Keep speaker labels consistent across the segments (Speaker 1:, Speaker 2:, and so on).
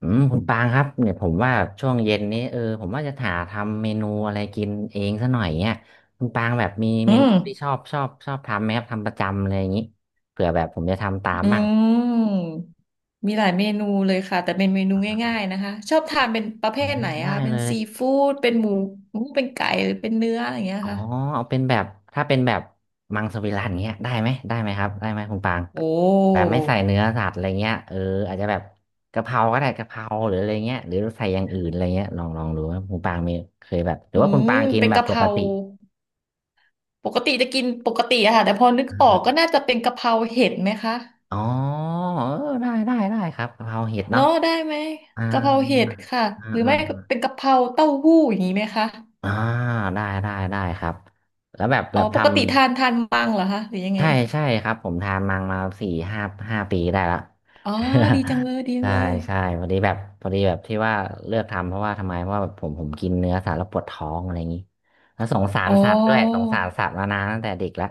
Speaker 1: อืมคุณปางครับเนี่ยผมว่าช่วงเย็นนี้ผมว่าจะหาทำเมนูอะไรกินเองซะหน่อยเนี่ยคุณปางแบบมี
Speaker 2: อื
Speaker 1: เมนู
Speaker 2: ม
Speaker 1: ที่ชอบทำไหมครับทำประจำอะไรอย่างนี้เผื่อแบบผมจะทำตาม
Speaker 2: อื
Speaker 1: บ้าง
Speaker 2: มมีหลายเมนูเลยค่ะแต่เป็นเมนูง่ายๆนะคะชอบทานเป็นประเภ
Speaker 1: อ๋อ
Speaker 2: ทไหนอะ
Speaker 1: ได้
Speaker 2: คะเป็
Speaker 1: เล
Speaker 2: น
Speaker 1: ย
Speaker 2: ซีฟู้ดเป็นหมูหมูเป็นไก่หรือเป็นเนื้ออะไรอย่างเงี้ย
Speaker 1: อ๋อ
Speaker 2: ค่ะ
Speaker 1: เอาเป็นแบบถ้าเป็นแบบมังสวิรัติเงี้ยได้ไหมได้ไหมครับได้ไหมคุณปาง
Speaker 2: โอ้
Speaker 1: แบบไม่ใส่เนื้อสัตว์อะไรเงี้ยอาจจะแบบกะเพราก็ได้กะเพราหรืออะไรเงี้ยหรือใส่อย่างอื่นอะไรเงี้ยลองดูว่าคุณปางมีเคยแบบหรือ
Speaker 2: อื
Speaker 1: ว่าคุณ
Speaker 2: ม
Speaker 1: ปางกิน
Speaker 2: เป็น
Speaker 1: แบบ
Speaker 2: กะเพ
Speaker 1: ปก
Speaker 2: รา
Speaker 1: ติ
Speaker 2: ปกติจะกินปกติอะค่ะแต่พอนึกออกก็น่าจะเป็นกะเพราเห็ดไหมคะ
Speaker 1: อ๋อได้ได้ได้ครับกะเพราเห็ดเนาะ
Speaker 2: เนาะได้ไหม
Speaker 1: อ่า
Speaker 2: กะเพราเห็ดค่ะ
Speaker 1: อ่า
Speaker 2: หรือ
Speaker 1: อ่า
Speaker 2: ไม่ก็เป็นกะเพราเต้าหู้อย่างนี้ไหมคะ
Speaker 1: อ่าได้ได้ได้ครับแล้วแบบแบ
Speaker 2: อ๋อ
Speaker 1: บ
Speaker 2: ปก
Speaker 1: ทำ
Speaker 2: ติทานมังเหรอคะหรือยังไง
Speaker 1: ใช่ใช่ครับผมทานมังมาสี่ห้าห้าปีได้ละ
Speaker 2: อ๋อดีจังเลยดี จัง
Speaker 1: ใช่
Speaker 2: เลย
Speaker 1: ใช่พอดีแบบพอดีแบบที่ว่าเลือกทำเพราะว่าทำไมเพราะว่าแบบผมกินเนื้อสัตว์แล้วปวดท้องอะไรอย่างนี้แล้วสงสาร
Speaker 2: อ๋อ
Speaker 1: สัตว์ด้วยสงสารสัตว์มานานตั้งแต่เด็กแล้ว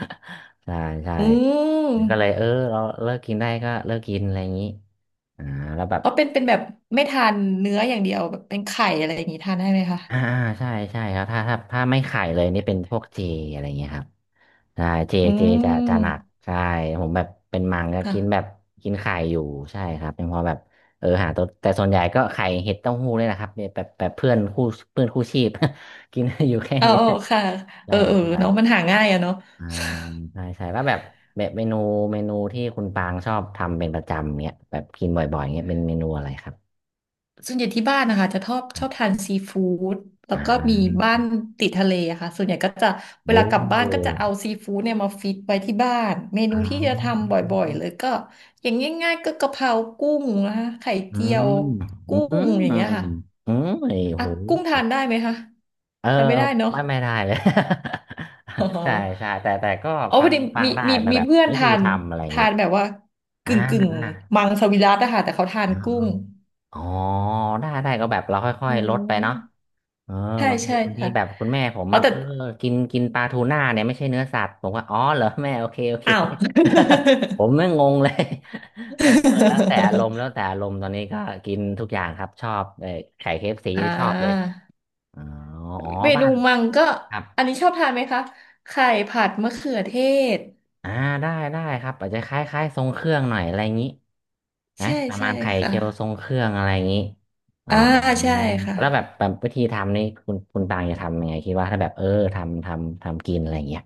Speaker 1: ใช่ใช่
Speaker 2: อื
Speaker 1: ก็เล
Speaker 2: ม
Speaker 1: ยเราเลิกกินได้ก็เลิกกินอะไรอย่างนี้อ่าแล้วแบบ
Speaker 2: อ๋อเป็นแบบไม่ทานเนื้ออย่างเดียวแบบเป็นไข่อะไรอย่างนี้ทานได้ไหมคะ
Speaker 1: อ่าอ่าใช่ใช่ครับถ้าไม่ไข่เลยนี่เป็นพวกเจอะไรเงี้ยครับใช่เจ
Speaker 2: อื
Speaker 1: เจจะจะหนัก
Speaker 2: ม
Speaker 1: ใช่ผมแบบเป็นมังก็กินแบบ
Speaker 2: ค่ะ
Speaker 1: กินไข่อยู่ใช่ครับเป็นเพอแบบหาตัวแต่ส่วนใหญ่ก็ไข่เห็ดเต้าหู้เลยนะครับเนี่ยแบบแบบเพื่อนคู่ชีพ กินอยู่แค่
Speaker 2: เออ
Speaker 1: นี้
Speaker 2: เอ
Speaker 1: แห
Speaker 2: อ
Speaker 1: ละ
Speaker 2: ค่ะเอ
Speaker 1: ใช่
Speaker 2: อเออ
Speaker 1: ใช่
Speaker 2: เนาะมันหาง่ายอะเนาะ
Speaker 1: อ่าใช่ใช่แล้วแบบแบบเมนูที่คุณปางชอบทำเป็นประจำเนี่ยแบบกินบ่อยๆเนี่ยเป็นเมนูอะไรครับ
Speaker 2: ส่วนใหญ่ที่บ้านนะคะจะชอบ
Speaker 1: ค
Speaker 2: ช
Speaker 1: รั
Speaker 2: อบ
Speaker 1: บ
Speaker 2: ทานซีฟู้ดแล้ว
Speaker 1: อ่
Speaker 2: ก็มีบ้า
Speaker 1: า
Speaker 2: นติดทะเลอะค่ะส่วนใหญ่ก็จะเว
Speaker 1: โอ้
Speaker 2: ลากลับบ้านก็จะเอาซีฟู้ดเนี่ยมาฟิตไว้ที่บ้านเม
Speaker 1: อ๋
Speaker 2: นูที่จะ
Speaker 1: อ
Speaker 2: ทำบ่อยๆเลยก็อย่างง่ายๆก็กะเพรากุ้งนะคะไข่
Speaker 1: อื
Speaker 2: เจีย
Speaker 1: ม
Speaker 2: ว
Speaker 1: อื
Speaker 2: กุ้งอย่างเงี้
Speaker 1: ม
Speaker 2: ยค่ะ
Speaker 1: อืมไอ้
Speaker 2: อ่ะ
Speaker 1: โห
Speaker 2: กุ้งทานได้ไหมคะ
Speaker 1: เออ
Speaker 2: ทานไม่ได้เนาะ
Speaker 1: ไม่ไม่ได้เลย
Speaker 2: อ๋อ
Speaker 1: ใช่ใช่แต่แต่ก็
Speaker 2: อ๋อ
Speaker 1: ฟั
Speaker 2: พอ
Speaker 1: ง
Speaker 2: ดี
Speaker 1: ฟัง
Speaker 2: มี
Speaker 1: ได้
Speaker 2: มี
Speaker 1: แต่
Speaker 2: มี
Speaker 1: แบบ
Speaker 2: เพื่อน
Speaker 1: วิธี
Speaker 2: ทาน
Speaker 1: ทำอะไรอย่าง
Speaker 2: ทา
Speaker 1: งี้
Speaker 2: นแบบว่า
Speaker 1: อ่า
Speaker 2: กึ่ง
Speaker 1: อ่า
Speaker 2: มังสวิรัติอะค่ะแต่เขาทา
Speaker 1: อ๋
Speaker 2: น
Speaker 1: อ
Speaker 2: กุ้ง
Speaker 1: อ๋อได้ได้ก็แบบเราค่อ
Speaker 2: อื
Speaker 1: ยๆลดไปเนาะ
Speaker 2: ม
Speaker 1: เออ
Speaker 2: ใช่
Speaker 1: บางที
Speaker 2: ใช่
Speaker 1: บางที
Speaker 2: ค่ะ
Speaker 1: แบบคุณแม่ผม
Speaker 2: เอา
Speaker 1: มา
Speaker 2: แต่
Speaker 1: กินกินปลาทูน่าเนี่ยไม่ใช่เนื้อสัตว์ผมว่าอ๋อเหรอแม่โอเคโอเค
Speaker 2: อ้าว
Speaker 1: ผมไม่งงเลย เออแล้วแต่อารมณ์ แล้วแต่อารมณ์ตอนนี้ก็กินทุกอย่างครับชอบไข่เคฟซี
Speaker 2: อ่า
Speaker 1: ชอบเลย อ๋ออ๋อ
Speaker 2: เม
Speaker 1: บ้า
Speaker 2: นู
Speaker 1: น
Speaker 2: มังก็
Speaker 1: ครับ
Speaker 2: อันนี้ชอบทานไหมคะไข่ผัดมะเขือเทศ
Speaker 1: อ่าได้ได้ครับอาจจะคล้ายๆทรงเครื่องหน่อยอะไรอย่างนี้นะ
Speaker 2: ใช่
Speaker 1: ประ
Speaker 2: ใช่
Speaker 1: มาณไข่
Speaker 2: ค่ะ
Speaker 1: เจียวทรงเครื่องอะไรอย่างนี้อ๋อ
Speaker 2: อ่าใช่ค่ะ
Speaker 1: แล้วแบบแบบวิธีทำนี่คุณปางจะทำยังไงคิดว่าถ้าแบบทำกินอะไรอย่างเงี้ย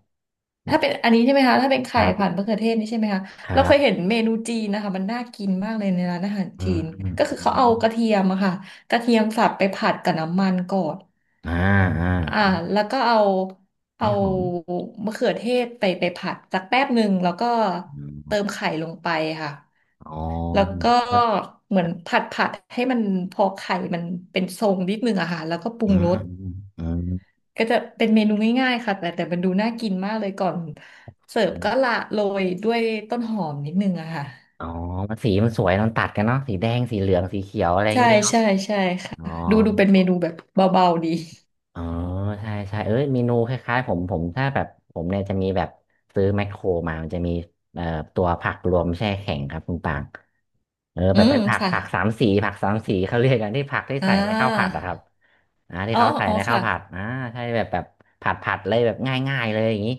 Speaker 2: ถ้าเป็นอันนี้ใช่ไหมคะถ้าเป็น
Speaker 1: ค
Speaker 2: ไข่
Speaker 1: รั
Speaker 2: ผัด
Speaker 1: บ
Speaker 2: มะเขือเทศนี่ใช่ไหมคะ
Speaker 1: ครั
Speaker 2: เราเคยเห็น
Speaker 1: บ
Speaker 2: เมนูจีนนะคะมันน่ากินมากเลยในร้านอาหาร
Speaker 1: อื
Speaker 2: จี
Speaker 1: ม
Speaker 2: น
Speaker 1: อืม
Speaker 2: ก็
Speaker 1: อ
Speaker 2: คือเขา
Speaker 1: ื
Speaker 2: เอา
Speaker 1: ม
Speaker 2: กระเทียมอะค่ะกระเทียมสับไปผัดกับน้ำมันก่อน
Speaker 1: อ่าอ่า
Speaker 2: อ่าแล้วก็เอา
Speaker 1: ไม่หอม
Speaker 2: มะเขือเทศไปผัดสักแป๊บหนึ่งแล้วก็
Speaker 1: อ
Speaker 2: เติ
Speaker 1: ม
Speaker 2: มไข่ลงไปค่ะ
Speaker 1: อ๋อ
Speaker 2: แล้วก็เหมือนผัดให้มันพอไข่มันเป็นทรงนิดนึงอะค่ะแล้วก็ปรุ
Speaker 1: อื
Speaker 2: ง
Speaker 1: ม
Speaker 2: ร
Speaker 1: อื
Speaker 2: ส
Speaker 1: มอื
Speaker 2: ก็จะเป็นเมนูง่ายๆค่ะแต่มันดูน่ากินมากเลยก่อนเสิร์ฟก็
Speaker 1: ม
Speaker 2: ละโรยด้วยต้นหอมนิดนึงอะค่ะ
Speaker 1: อ๋อมันสีมันสวยมันตัดกันเนาะสีแดงสีเหลืองสีเขียวอะไรอย่าง
Speaker 2: ใช่
Speaker 1: งี้เนาะ
Speaker 2: ใช่ใช่ค่ะ
Speaker 1: อ๋อ
Speaker 2: ดูเป็นเมนูแบบเบาๆดี
Speaker 1: อ๋อใช่ใช่เอ้ยเมนูคล้ายๆผมผมถ้าแบบผมเนี่ยจะมีแบบซื้อแมคโครมามันจะมีเอ่อตัวผักรวมแช่แข็งครับคุณปาง
Speaker 2: อื
Speaker 1: แบบ
Speaker 2: ม
Speaker 1: เป็นผัก
Speaker 2: ค่ะ
Speaker 1: ผักสามสีผักสามสีเขาเรียกกันที่ผักที่
Speaker 2: อ่
Speaker 1: ใส่ในข้าวผัด
Speaker 2: า
Speaker 1: อะครับอ่าที่
Speaker 2: อ๋อ
Speaker 1: เขาใส่
Speaker 2: อ๋อ
Speaker 1: ในข้าว
Speaker 2: ค่ะ
Speaker 1: ผัดอ่าใช่แบบแบบผัดเลยแบบง่ายๆเลยอย่างนี้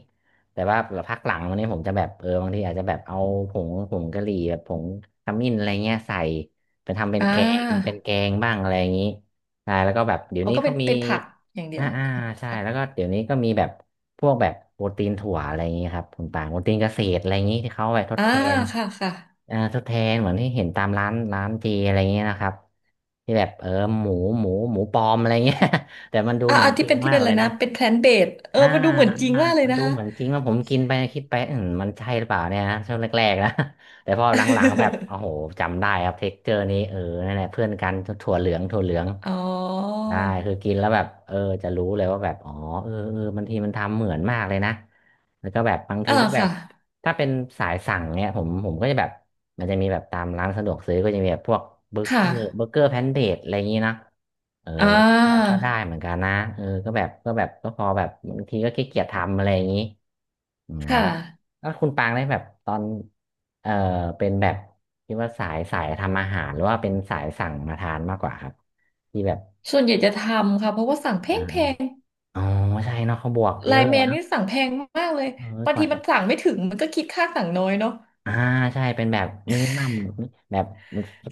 Speaker 1: แต่ว่าพักหลังวันนี้ผมจะแบบบางทีอาจจะแบบเอาผงกะหรี่แบบผงขมิ้นอะไรเงี้ยใส่เป็นทำเป็น
Speaker 2: อ่า
Speaker 1: แกงเป็นแกงบ้างอะไรอย่างนี้ใช่แล้วก็แบบเดี๋ย
Speaker 2: อ๋
Speaker 1: ว
Speaker 2: อ
Speaker 1: นี้
Speaker 2: ก็
Speaker 1: เขา
Speaker 2: เป็น
Speaker 1: มี
Speaker 2: เป็นผักอย่างเดี
Speaker 1: อ่า
Speaker 2: ยว
Speaker 1: อ่า
Speaker 2: อ๋อ
Speaker 1: ใช่
Speaker 2: ค่ะ
Speaker 1: แล้วก็เดี๋ยวนี้ก็มีแบบพวกแบบโปรตีนถั่วอะไรอย่างนี้ครับคุณปางโปรตีนเกษตรอะไรอย่างนี้ที่เขาเอาไปทด
Speaker 2: อ่า
Speaker 1: แทน
Speaker 2: ค่ะค่ะ
Speaker 1: อ่าทดแทนเหมือนที่เห็นตามร้านเจอะไรอย่างนี้นะครับที่แบบหมูหมูปลอมอะไรอย่างเงี้ย แต่มันดู
Speaker 2: อ่า
Speaker 1: เหมือ
Speaker 2: อ่า
Speaker 1: นจ
Speaker 2: ที่
Speaker 1: ริง
Speaker 2: เป็นที่
Speaker 1: มา
Speaker 2: เป็
Speaker 1: ก
Speaker 2: นอะ
Speaker 1: เล
Speaker 2: ไร
Speaker 1: ยนะ
Speaker 2: นะเป็นแพลนเบส
Speaker 1: อ่า
Speaker 2: มาดูเหมือ
Speaker 1: อ
Speaker 2: นจริง
Speaker 1: ่า
Speaker 2: มากเลย
Speaker 1: มัน
Speaker 2: นะ
Speaker 1: ดู
Speaker 2: คะ
Speaker 1: เหมือนจริงว่าผมกินไปคิดไปอืมมันใช่หรือเปล่าเนี่ยนะช่วงแรกๆนะ แต่พอหลังๆแบบโอ้โหจำได้ครับเท็กเจอร์นี้นั่นแหละเพื่อนกันถั่วเหลืองถั่วเหลือง
Speaker 2: อ๋อ
Speaker 1: ได้คือกินแล้วแบบจะรู้เลยว่าแบบอ๋อเออเออบางทีมันทำเหมือนมากเลยนะแล้วก็แบบบางที
Speaker 2: อ่า
Speaker 1: ก็แบบ
Speaker 2: ค่ะ
Speaker 1: ถ้าเป็นสายสั่งเนี่ยผมก็จะแบบมันจะมีแบบตามร้านสะดวกซื้อก็จะมีแบบพวก
Speaker 2: ค่ะ
Speaker 1: เบอร์เกอร์แพนเดอะไรอย่างนี้นะเออ
Speaker 2: อ่า
Speaker 1: ก็ได้เหมือนกันนะก็แบบก็แบบก็พอแบบบางทีก็ขี้เกียจทำอะไรอย่างนี้อืม
Speaker 2: ค่ะ
Speaker 1: แล้วคุณปางได้แบบตอนเออเป็นแบบคิดว่าสายทำอาหารหรือว่าเป็นสายสั่งมาทานมากกว่าครับที่แบบ
Speaker 2: ส่วนใหญ่จะทำค่ะเพราะว่าสั่งแพ
Speaker 1: อา
Speaker 2: งแพง
Speaker 1: อ๋อใช่เนาะเขาบวก
Speaker 2: ไล
Speaker 1: เยอะ
Speaker 2: น์แมน
Speaker 1: อะ
Speaker 2: นี่สั่งแพงมากเลย
Speaker 1: เออ
Speaker 2: บาง
Speaker 1: ก
Speaker 2: ที
Speaker 1: ว่า
Speaker 2: มั
Speaker 1: จะ
Speaker 2: นสั่งไม่ถึงมันก็คิดค่าสั่งน้อยเนาะ
Speaker 1: อ่าใช่เป็นแบบมินิมัมแบบ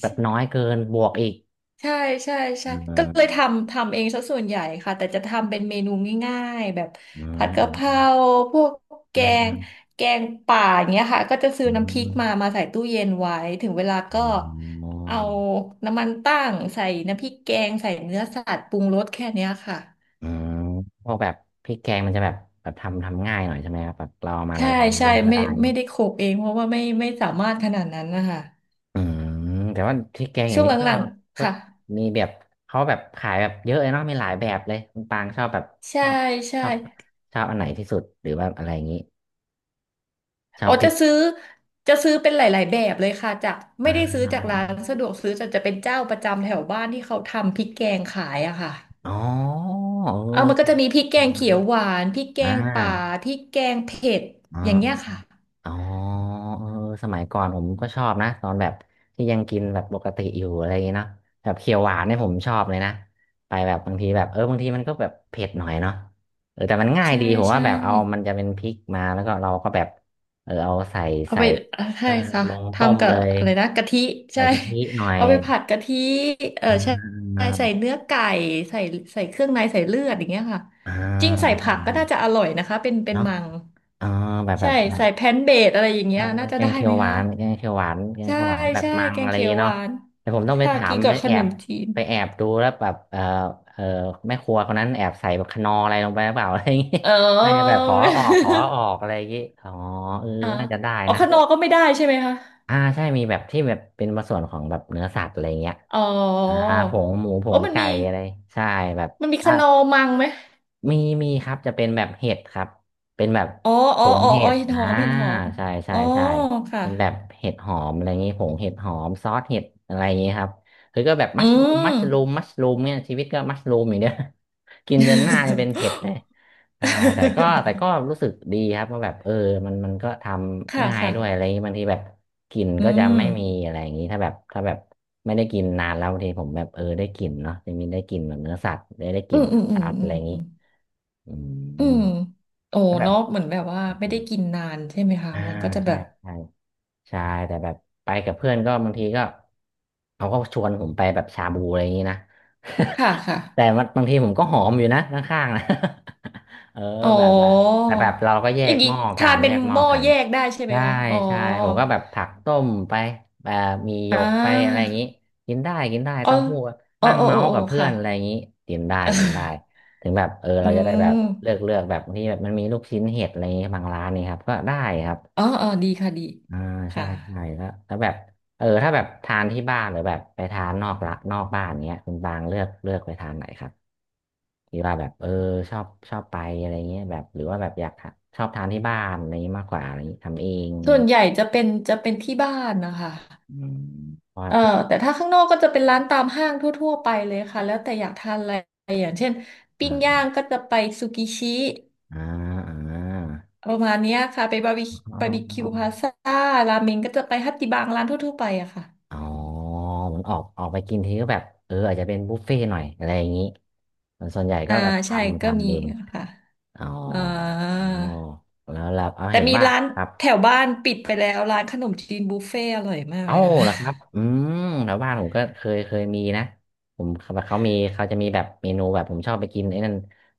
Speaker 1: แบบน้อยเกินบวกอีก
Speaker 2: ใช่ใช่ใช่
Speaker 1: อื
Speaker 2: ก็เลย
Speaker 1: ม
Speaker 2: ทำเองซะส่วนใหญ่ค่ะแต่จะทำเป็นเมนูง่ายๆแบบ
Speaker 1: อื
Speaker 2: ผัดกะเพรา
Speaker 1: ม
Speaker 2: พวกแก
Speaker 1: อืมอื
Speaker 2: ง
Speaker 1: ม
Speaker 2: แกงป่าอย่างเงี้ยค่ะก็จะซื้อ
Speaker 1: อื
Speaker 2: น้ำพริ
Speaker 1: ม
Speaker 2: กมาใส่ตู้เย็นไว้ถึงเวลา
Speaker 1: อื
Speaker 2: ก็
Speaker 1: มอื
Speaker 2: เอา
Speaker 1: ม
Speaker 2: น้ำมันตั้งใส่น้ำพริกแกงใส่เนื้อสัตว์ปรุงรสแค่เนี้ยค่ะ
Speaker 1: อืมพวกแบบพริกแกงมันจะแบบแบบทำง่ายหน่อยใช่ไหมครับแบบเราเอามาละ
Speaker 2: ใช่
Speaker 1: ลาย
Speaker 2: ใช่
Speaker 1: ก็
Speaker 2: ไม่
Speaker 1: ได้เน
Speaker 2: ไม่
Speaker 1: อะ
Speaker 2: ได้โขกเองเพราะว่าไม่สามารถขนาดนั้นนะคะ
Speaker 1: อืมแต่ว่าพริกแกงอย่า
Speaker 2: ช่ว
Speaker 1: ง
Speaker 2: ง
Speaker 1: นี้ก็
Speaker 2: หลังๆ
Speaker 1: ก็
Speaker 2: ค่ะ
Speaker 1: มีแบบเขาแบบขายแบบเยอะเลยเนาะมีหลายแบบเลยคุณปางชอบแบบช
Speaker 2: ใช่
Speaker 1: อบ
Speaker 2: ใช่
Speaker 1: ชอบชอบอันไหนที่สุดหรือว่าอะไรอย่างนี้ชอ
Speaker 2: อ๋อ
Speaker 1: บพริ
Speaker 2: จะ
Speaker 1: ก
Speaker 2: ซื้อจะซื้อเป็นหลายๆแบบเลยค่ะจากไม่
Speaker 1: อ่า
Speaker 2: ได้ซื้อจากร้านสะดวกซื้อแต่จะเป็นเจ้าประจำแถวบ้านที่เขาทำพริกแกงขายอะค่ะ
Speaker 1: อ๋อเ
Speaker 2: เอามันก็
Speaker 1: ออ
Speaker 2: จะมีพริกแกงเขียวหวานพริกแก
Speaker 1: อ่
Speaker 2: งป่า
Speaker 1: า
Speaker 2: พริกแกงเผ็ด
Speaker 1: อ๋อ
Speaker 2: อย่างเงี้ยค่ะ
Speaker 1: อ๋อเออสมัยก่อนผมก็ชอบนะตอนแบบที่ยังกินแบบปกติอยู่อะไรอย่างเงี้ยเนาะแบบเขียวหวานเนี่ยผมชอบเลยนะไปแบบบางทีแบบบางทีมันก็แบบเผ็ดหน่อยเนาะแต่มันง่าย
Speaker 2: ใช่
Speaker 1: ดีผมว่า
Speaker 2: ใช่
Speaker 1: แบบเอามันจะเป็นพริกมาแล้วก็เราก็แบบเอาใส่
Speaker 2: เอา
Speaker 1: ใส่
Speaker 2: ไป
Speaker 1: เอ
Speaker 2: ใช่
Speaker 1: อ
Speaker 2: ค่ะ
Speaker 1: ลงต้ม
Speaker 2: ทำกับ
Speaker 1: เลย
Speaker 2: อะไรนะกะทิ
Speaker 1: ใส่
Speaker 2: ใช่
Speaker 1: กะทิหน่อ ย
Speaker 2: เอาไปผัดกะทิเออ
Speaker 1: อ่
Speaker 2: ใช่
Speaker 1: า
Speaker 2: ใช่ใส่เนื้อไก่ใส่ใส่เครื่องในใส่เลือดอย่างเงี้ยค่ะ
Speaker 1: อ่า
Speaker 2: จริงใส่
Speaker 1: ใช่
Speaker 2: ผักก็
Speaker 1: ใช่
Speaker 2: น่าจะอร่อยนะคะเป็น
Speaker 1: เนาะ
Speaker 2: มัง
Speaker 1: เออแบบแบ
Speaker 2: ใช่
Speaker 1: บแบบ
Speaker 2: ใส่แพนเบดอะไรอย่าง
Speaker 1: เอ
Speaker 2: เงี้
Speaker 1: อ
Speaker 2: ยน่าจะ
Speaker 1: แกง
Speaker 2: ได้
Speaker 1: เขีย
Speaker 2: ไหม
Speaker 1: วหวา
Speaker 2: คะ
Speaker 1: นแกงเขียวหวานแกง
Speaker 2: ใช่
Speaker 1: เขียวหวานแบบ
Speaker 2: ใช่
Speaker 1: มัง
Speaker 2: แก
Speaker 1: อะ
Speaker 2: ง
Speaker 1: ไร
Speaker 2: เขียวห
Speaker 1: เนาะ
Speaker 2: วาน
Speaker 1: แต่ผมต้องไป
Speaker 2: ค่ะ
Speaker 1: ถา
Speaker 2: กิ
Speaker 1: ม
Speaker 2: นกั
Speaker 1: ไป
Speaker 2: บข
Speaker 1: แอ
Speaker 2: น
Speaker 1: บ
Speaker 2: มจีน
Speaker 1: ไปแอบดูแล้วแบบเอแม่ครัวคนนั้นแอบใส่แบบคนอร์อะไรลงไปหรือเปล่าอะไรอย่างงี้
Speaker 2: เอ
Speaker 1: น่าจะแบ
Speaker 2: อ
Speaker 1: บขอออกอะไรอย่างงี้อ๋อเออ
Speaker 2: อ่ะ
Speaker 1: น่าจะได้
Speaker 2: อ๋อ
Speaker 1: นะ
Speaker 2: ข
Speaker 1: พ
Speaker 2: น
Speaker 1: ว
Speaker 2: อ
Speaker 1: ก
Speaker 2: ก็ไม่ได้ใช่ไหมคะ
Speaker 1: อ่าใช่มีแบบที่แบบเป็นส่วนของแบบเนื้อสัตว์อะไรเงี้ย
Speaker 2: อ๋อ
Speaker 1: อ่าผงหมูผ
Speaker 2: โอ้
Speaker 1: ง
Speaker 2: มัน
Speaker 1: ไก่
Speaker 2: มี
Speaker 1: อะไรใช่แบบ
Speaker 2: มันมีขนอมังไหม
Speaker 1: มีครับจะเป็นแบบเห็ดครับเป็นแบบ
Speaker 2: อ๋อ
Speaker 1: ผ
Speaker 2: อ๋อ
Speaker 1: ง
Speaker 2: อ๋อ
Speaker 1: เห็
Speaker 2: อ๋อ
Speaker 1: ด
Speaker 2: เห็ดห
Speaker 1: อ่า
Speaker 2: อมเห็ดหอม
Speaker 1: ใช่ใช่
Speaker 2: อ๋อ
Speaker 1: ใช่
Speaker 2: ค่ะ
Speaker 1: เป็นแบบเห็ดหอมอะไรอย่างงี้ผงเห็ดหอมซอสเห็ดอะไรอย่างงี้ครับคือก็แบบมั
Speaker 2: อื
Speaker 1: ชรูมมั
Speaker 2: ม
Speaker 1: ชรูมมัชรูมเนี่ยชีวิตก็มัชรูมอย่างเดียว กินจนหน้าจะเป็นเห็ดเลยใช่แต่ก็แต่ก็รู้ สึกดีครับว่าแบบมันมันก็ท
Speaker 2: ค่ะ
Speaker 1: ำง่าย
Speaker 2: ค่ะ
Speaker 1: ด้วยอะไรอย่างงี้บางทีแบบกลิ่น
Speaker 2: อื
Speaker 1: ก็จะ
Speaker 2: ม
Speaker 1: ไม่มีอะไรอย่างงี้ถ้าแบบถ้าแบบไม่ได้กินนานแล้วบางทีผมแบบได้กลิ่นเนาะจะมีได้กลิ่นแบบเนื้อสัตว์ได้ก
Speaker 2: อื
Speaker 1: ลิ่น
Speaker 2: ม
Speaker 1: แบ
Speaker 2: อื
Speaker 1: บ
Speaker 2: มอื
Speaker 1: ชั
Speaker 2: ม
Speaker 1: ดอะ
Speaker 2: อื
Speaker 1: ไรอย่างงี้
Speaker 2: ม
Speaker 1: อื
Speaker 2: อื
Speaker 1: ม
Speaker 2: มโอ้
Speaker 1: ถ้าแบ
Speaker 2: เน
Speaker 1: บ
Speaker 2: อะเหมือนแบบว่า
Speaker 1: อ
Speaker 2: ไม่
Speaker 1: เ
Speaker 2: ได้กินนานใช่ไหมคะ
Speaker 1: อ่า
Speaker 2: มันก็จะแบ
Speaker 1: ใช่
Speaker 2: บ
Speaker 1: ใช่ ใช่แต่แบบไปกับเพื่อนก็บางทีก็เขาก็ชวนผมไปแบบชาบูอะไรอย่างนี้นะ
Speaker 2: ค่ะค่ะ
Speaker 1: แต่มันบางทีผมก็หอมอยู่นะข้างๆนะ เออ
Speaker 2: อ๋
Speaker 1: แบบแบบ
Speaker 2: อ
Speaker 1: แต่แบบเราก็แย
Speaker 2: อย่า
Speaker 1: ก
Speaker 2: ง
Speaker 1: ห
Speaker 2: นี้
Speaker 1: ม้อกั
Speaker 2: ทาน
Speaker 1: น
Speaker 2: เป็
Speaker 1: แย
Speaker 2: น
Speaker 1: กห
Speaker 2: ห
Speaker 1: ม้อ
Speaker 2: ม้อ
Speaker 1: กัน
Speaker 2: แยกได้ใช่ไหม
Speaker 1: ใช่
Speaker 2: คะอ๋อ
Speaker 1: ใช่ผมก็แบบผักต้มไปแบบมีหย
Speaker 2: อ่
Speaker 1: กไปอะไรอ
Speaker 2: า
Speaker 1: ย่างนี้กินได้กินได้
Speaker 2: อ๋อ
Speaker 1: เต้าหู้
Speaker 2: อ๋อ
Speaker 1: นั่ง
Speaker 2: อ๋อ
Speaker 1: เมา
Speaker 2: อ๋อ
Speaker 1: ส์
Speaker 2: อ๋อ
Speaker 1: กับเพื่อ
Speaker 2: ค่ะ
Speaker 1: นอะไรอย่างนี้กินได้กินได้ถึงแบบ
Speaker 2: อื
Speaker 1: เราจะได้แบบ
Speaker 2: ม
Speaker 1: เลือกแบบบางที่แบบมันมีลูกชิ้นเห็ดอะไรอย่างนี้บางร้านนี่ครับก็ได้ครับ
Speaker 2: อ๋ออ๋อดีค่ะดี
Speaker 1: อ่าใช่
Speaker 2: ค่ะ
Speaker 1: ใช่แล้วแบบถ้าแบบทานที่บ้านหรือแบบไปทานนอกละนอกบ้านเงี้ยคุณบางเลือกไปทานไหนครับหรือว่าแบบชอบชอบไปอะไรเงี้ยแบบหรือว่าแบบอยากทานชอบทานที่บ้านอะไรเงี้ยมากกว่าอะไรเงี้ยทำเองอะไร
Speaker 2: ส่วน
Speaker 1: เงี้ย
Speaker 2: ใหญ่จะเป็นที่บ้านนะคะ
Speaker 1: อืมเพราะแบบ
Speaker 2: เอ่อ
Speaker 1: ชอบ
Speaker 2: แต่ถ้าข้างนอกก็จะเป็นร้านตามห้างทั่วๆไปเลยค่ะแล้วแต่อยากทานอะไรอย่างเช่น
Speaker 1: อ่
Speaker 2: ปิ้ง
Speaker 1: า
Speaker 2: ย่างก็จะไปซูกิชิ
Speaker 1: อ่าอ่า
Speaker 2: ประมาณเนี้ยค่ะไปบาร์บี
Speaker 1: อ๋
Speaker 2: บาร์บีคิว
Speaker 1: อ
Speaker 2: พาซ่าราเมงก็จะไปฮัตติบังร้านทั่วๆไปอะค่ะ
Speaker 1: อ๋อเหมือนออกไปกินทีก็แบบอาจจะเป็นบุฟเฟ่ต์หน่อยอะไรอย่างงี้ส่วนใหญ่
Speaker 2: อ่า
Speaker 1: ก็แบบท
Speaker 2: ใช่
Speaker 1: ำ
Speaker 2: ก็มี
Speaker 1: ทำเอง
Speaker 2: ค่ะ
Speaker 1: อ๋อ
Speaker 2: อ่า
Speaker 1: แล้วเอา
Speaker 2: แต่
Speaker 1: เห็น
Speaker 2: มี
Speaker 1: ว่า
Speaker 2: ร้าน
Speaker 1: ครับ
Speaker 2: แถวบ้านปิดไปแล้ว ร้านขนมจีนบุฟเฟ่อร่อยมาก
Speaker 1: เอ้า
Speaker 2: เลย
Speaker 1: เห
Speaker 2: ค่ะ
Speaker 1: รอครับอืมแถวบ้านผมก็เคยมีนะผมเขาเขามีเขาจะมีแบบเมนูแบบผมชอบไปกินไอ้นั่น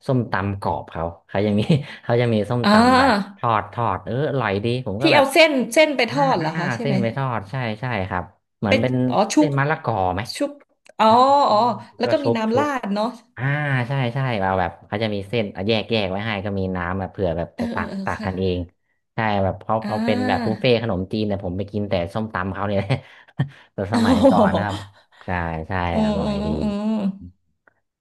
Speaker 1: ส้มตำกรอบเขาเขายังมี เขาจะมีส้ม
Speaker 2: อ่
Speaker 1: ตำแบบท
Speaker 2: า
Speaker 1: อดทอดอร่อยดีผมก็
Speaker 2: ที่
Speaker 1: แบบ
Speaker 2: เอาเส้นไปท
Speaker 1: อ่า
Speaker 2: อดเหร
Speaker 1: อ่า
Speaker 2: อคะใช่
Speaker 1: เส้
Speaker 2: ไห
Speaker 1: น
Speaker 2: ม
Speaker 1: ไปทอดใช่ใช่ครับเหมือน
Speaker 2: เป็น
Speaker 1: เป็น
Speaker 2: อ๋อชุ
Speaker 1: เส้
Speaker 2: บ
Speaker 1: นมะละกอไหม
Speaker 2: ชุบอ๋อ
Speaker 1: อื
Speaker 2: อ๋อ
Speaker 1: ม
Speaker 2: แล้ว
Speaker 1: แล้วก็
Speaker 2: ก็มี
Speaker 1: ชุบ
Speaker 2: น้ำ
Speaker 1: ชุ
Speaker 2: รา
Speaker 1: บ
Speaker 2: ดเนาะ
Speaker 1: อ่าใช่ใช่เราแบบเขาจะมีเส้นแยกไว้ให้ก็มีน้ำแบบเผื่อแบบ
Speaker 2: เออ
Speaker 1: จะ
Speaker 2: เอ
Speaker 1: ตั
Speaker 2: อ
Speaker 1: ก
Speaker 2: เออ
Speaker 1: ตัก
Speaker 2: ค่ะ
Speaker 1: กันเองใช่แบบเขา
Speaker 2: อ่า
Speaker 1: เขาเป็นแบบบุฟเฟ่ต์ขนมจีนแต่ยผมไปกินแต่ส้มตำเขาเนี่ย แต่ ส
Speaker 2: โอ้
Speaker 1: มัยก่อ
Speaker 2: โห
Speaker 1: นนะครับใช่ใช่
Speaker 2: อื
Speaker 1: อ
Speaker 2: ม
Speaker 1: ร่อ
Speaker 2: อื
Speaker 1: ย
Speaker 2: ม
Speaker 1: ดี
Speaker 2: อืม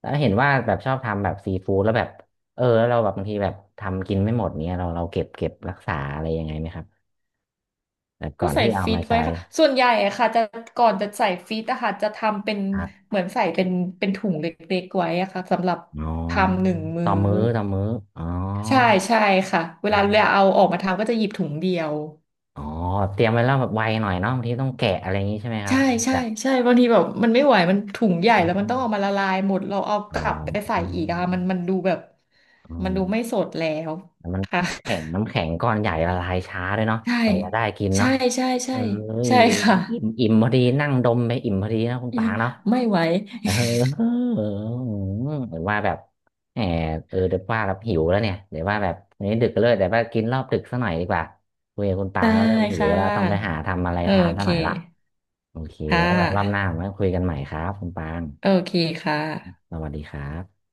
Speaker 1: แล้วเห็นว่าแบบชอบทำแบบซีฟู้ดแล้วแบบแล้วเราแบบบางทีแบบทำกินไม่หมดเนี้ยเราเก็บรักษาอะไรยังไงไหมครับแบบก่
Speaker 2: ก็
Speaker 1: อน
Speaker 2: ใส่
Speaker 1: ที่เอา
Speaker 2: ฟี
Speaker 1: มา
Speaker 2: ดไว้
Speaker 1: ใช้
Speaker 2: ค่ะส่วนใหญ่อะค่ะจะก่อนจะใส่ฟีดอะค่ะจะทำเป็น
Speaker 1: ครับ
Speaker 2: เหมือนใส่เป็นถุงเล็กๆไว้อะค่ะสำหรับ
Speaker 1: อ๋อ
Speaker 2: ทำหนึ่งมื้
Speaker 1: ต่
Speaker 2: อ
Speaker 1: อมื้อต่อมื้ออ๋อ
Speaker 2: ใช่ใช่ค่ะเวลาเราเอาออกมาทำก็จะหยิบถุงเดียว
Speaker 1: อ๋อเตรียมไว้แล้วแบบไวหน่อยเนาะบางทีต้องแกะอะไรอย่างนี้ใช่ไหมครับ
Speaker 2: ใช่
Speaker 1: มัน
Speaker 2: ใช่
Speaker 1: จะ
Speaker 2: ใช่บางทีแบบมันไม่ไหวมันถุงใหญ่
Speaker 1: อ๋อ
Speaker 2: แล้วมันต้องเอามาละลายหมดเราเอาก
Speaker 1: อ๋อ
Speaker 2: ลับไปใส่
Speaker 1: อื
Speaker 2: อีก
Speaker 1: ม
Speaker 2: อะมันดูแบบ
Speaker 1: อื
Speaker 2: มันดูไม่
Speaker 1: ม
Speaker 2: สดแล้ว
Speaker 1: มัน
Speaker 2: ค่ะ
Speaker 1: มันแข็งน้ำแข็งก้อนใหญ่ละลายช้าด้วยเนาะ
Speaker 2: ใช่
Speaker 1: กว่าจะได้กิน
Speaker 2: ใช่
Speaker 1: เนาะ
Speaker 2: ใช่ใช่
Speaker 1: เอ้ย
Speaker 2: ใช่ค่ะ
Speaker 1: อิ่มอิ่มพอดีนั่งดมไปอิ่มพอดีนะคุณปางเนาะ
Speaker 2: ไม่ไหว
Speaker 1: เออหรือว่าแบบแหมเดี๋ยวว่าแบบหิวแล้วเนี่ยเดี๋ยวว่าแบบวันนี้ดึกเลยเดี๋ยวว่ากินรอบดึกสักหน่อยดีกว่าคุยกับคุณปา
Speaker 2: ได้
Speaker 1: งแล้วเริ่มหิว
Speaker 2: ค่
Speaker 1: แล้วต้องไปหา
Speaker 2: ะ
Speaker 1: ทำอะไร
Speaker 2: โอ
Speaker 1: ทานสั
Speaker 2: เค
Speaker 1: กหน่อยละ โอเค
Speaker 2: ค่
Speaker 1: ไว้แบบรอบหน้า
Speaker 2: ะ
Speaker 1: มาคุยกันใหม่ครับคุณปาง
Speaker 2: โอเคค่ะ
Speaker 1: สวัสดีครับ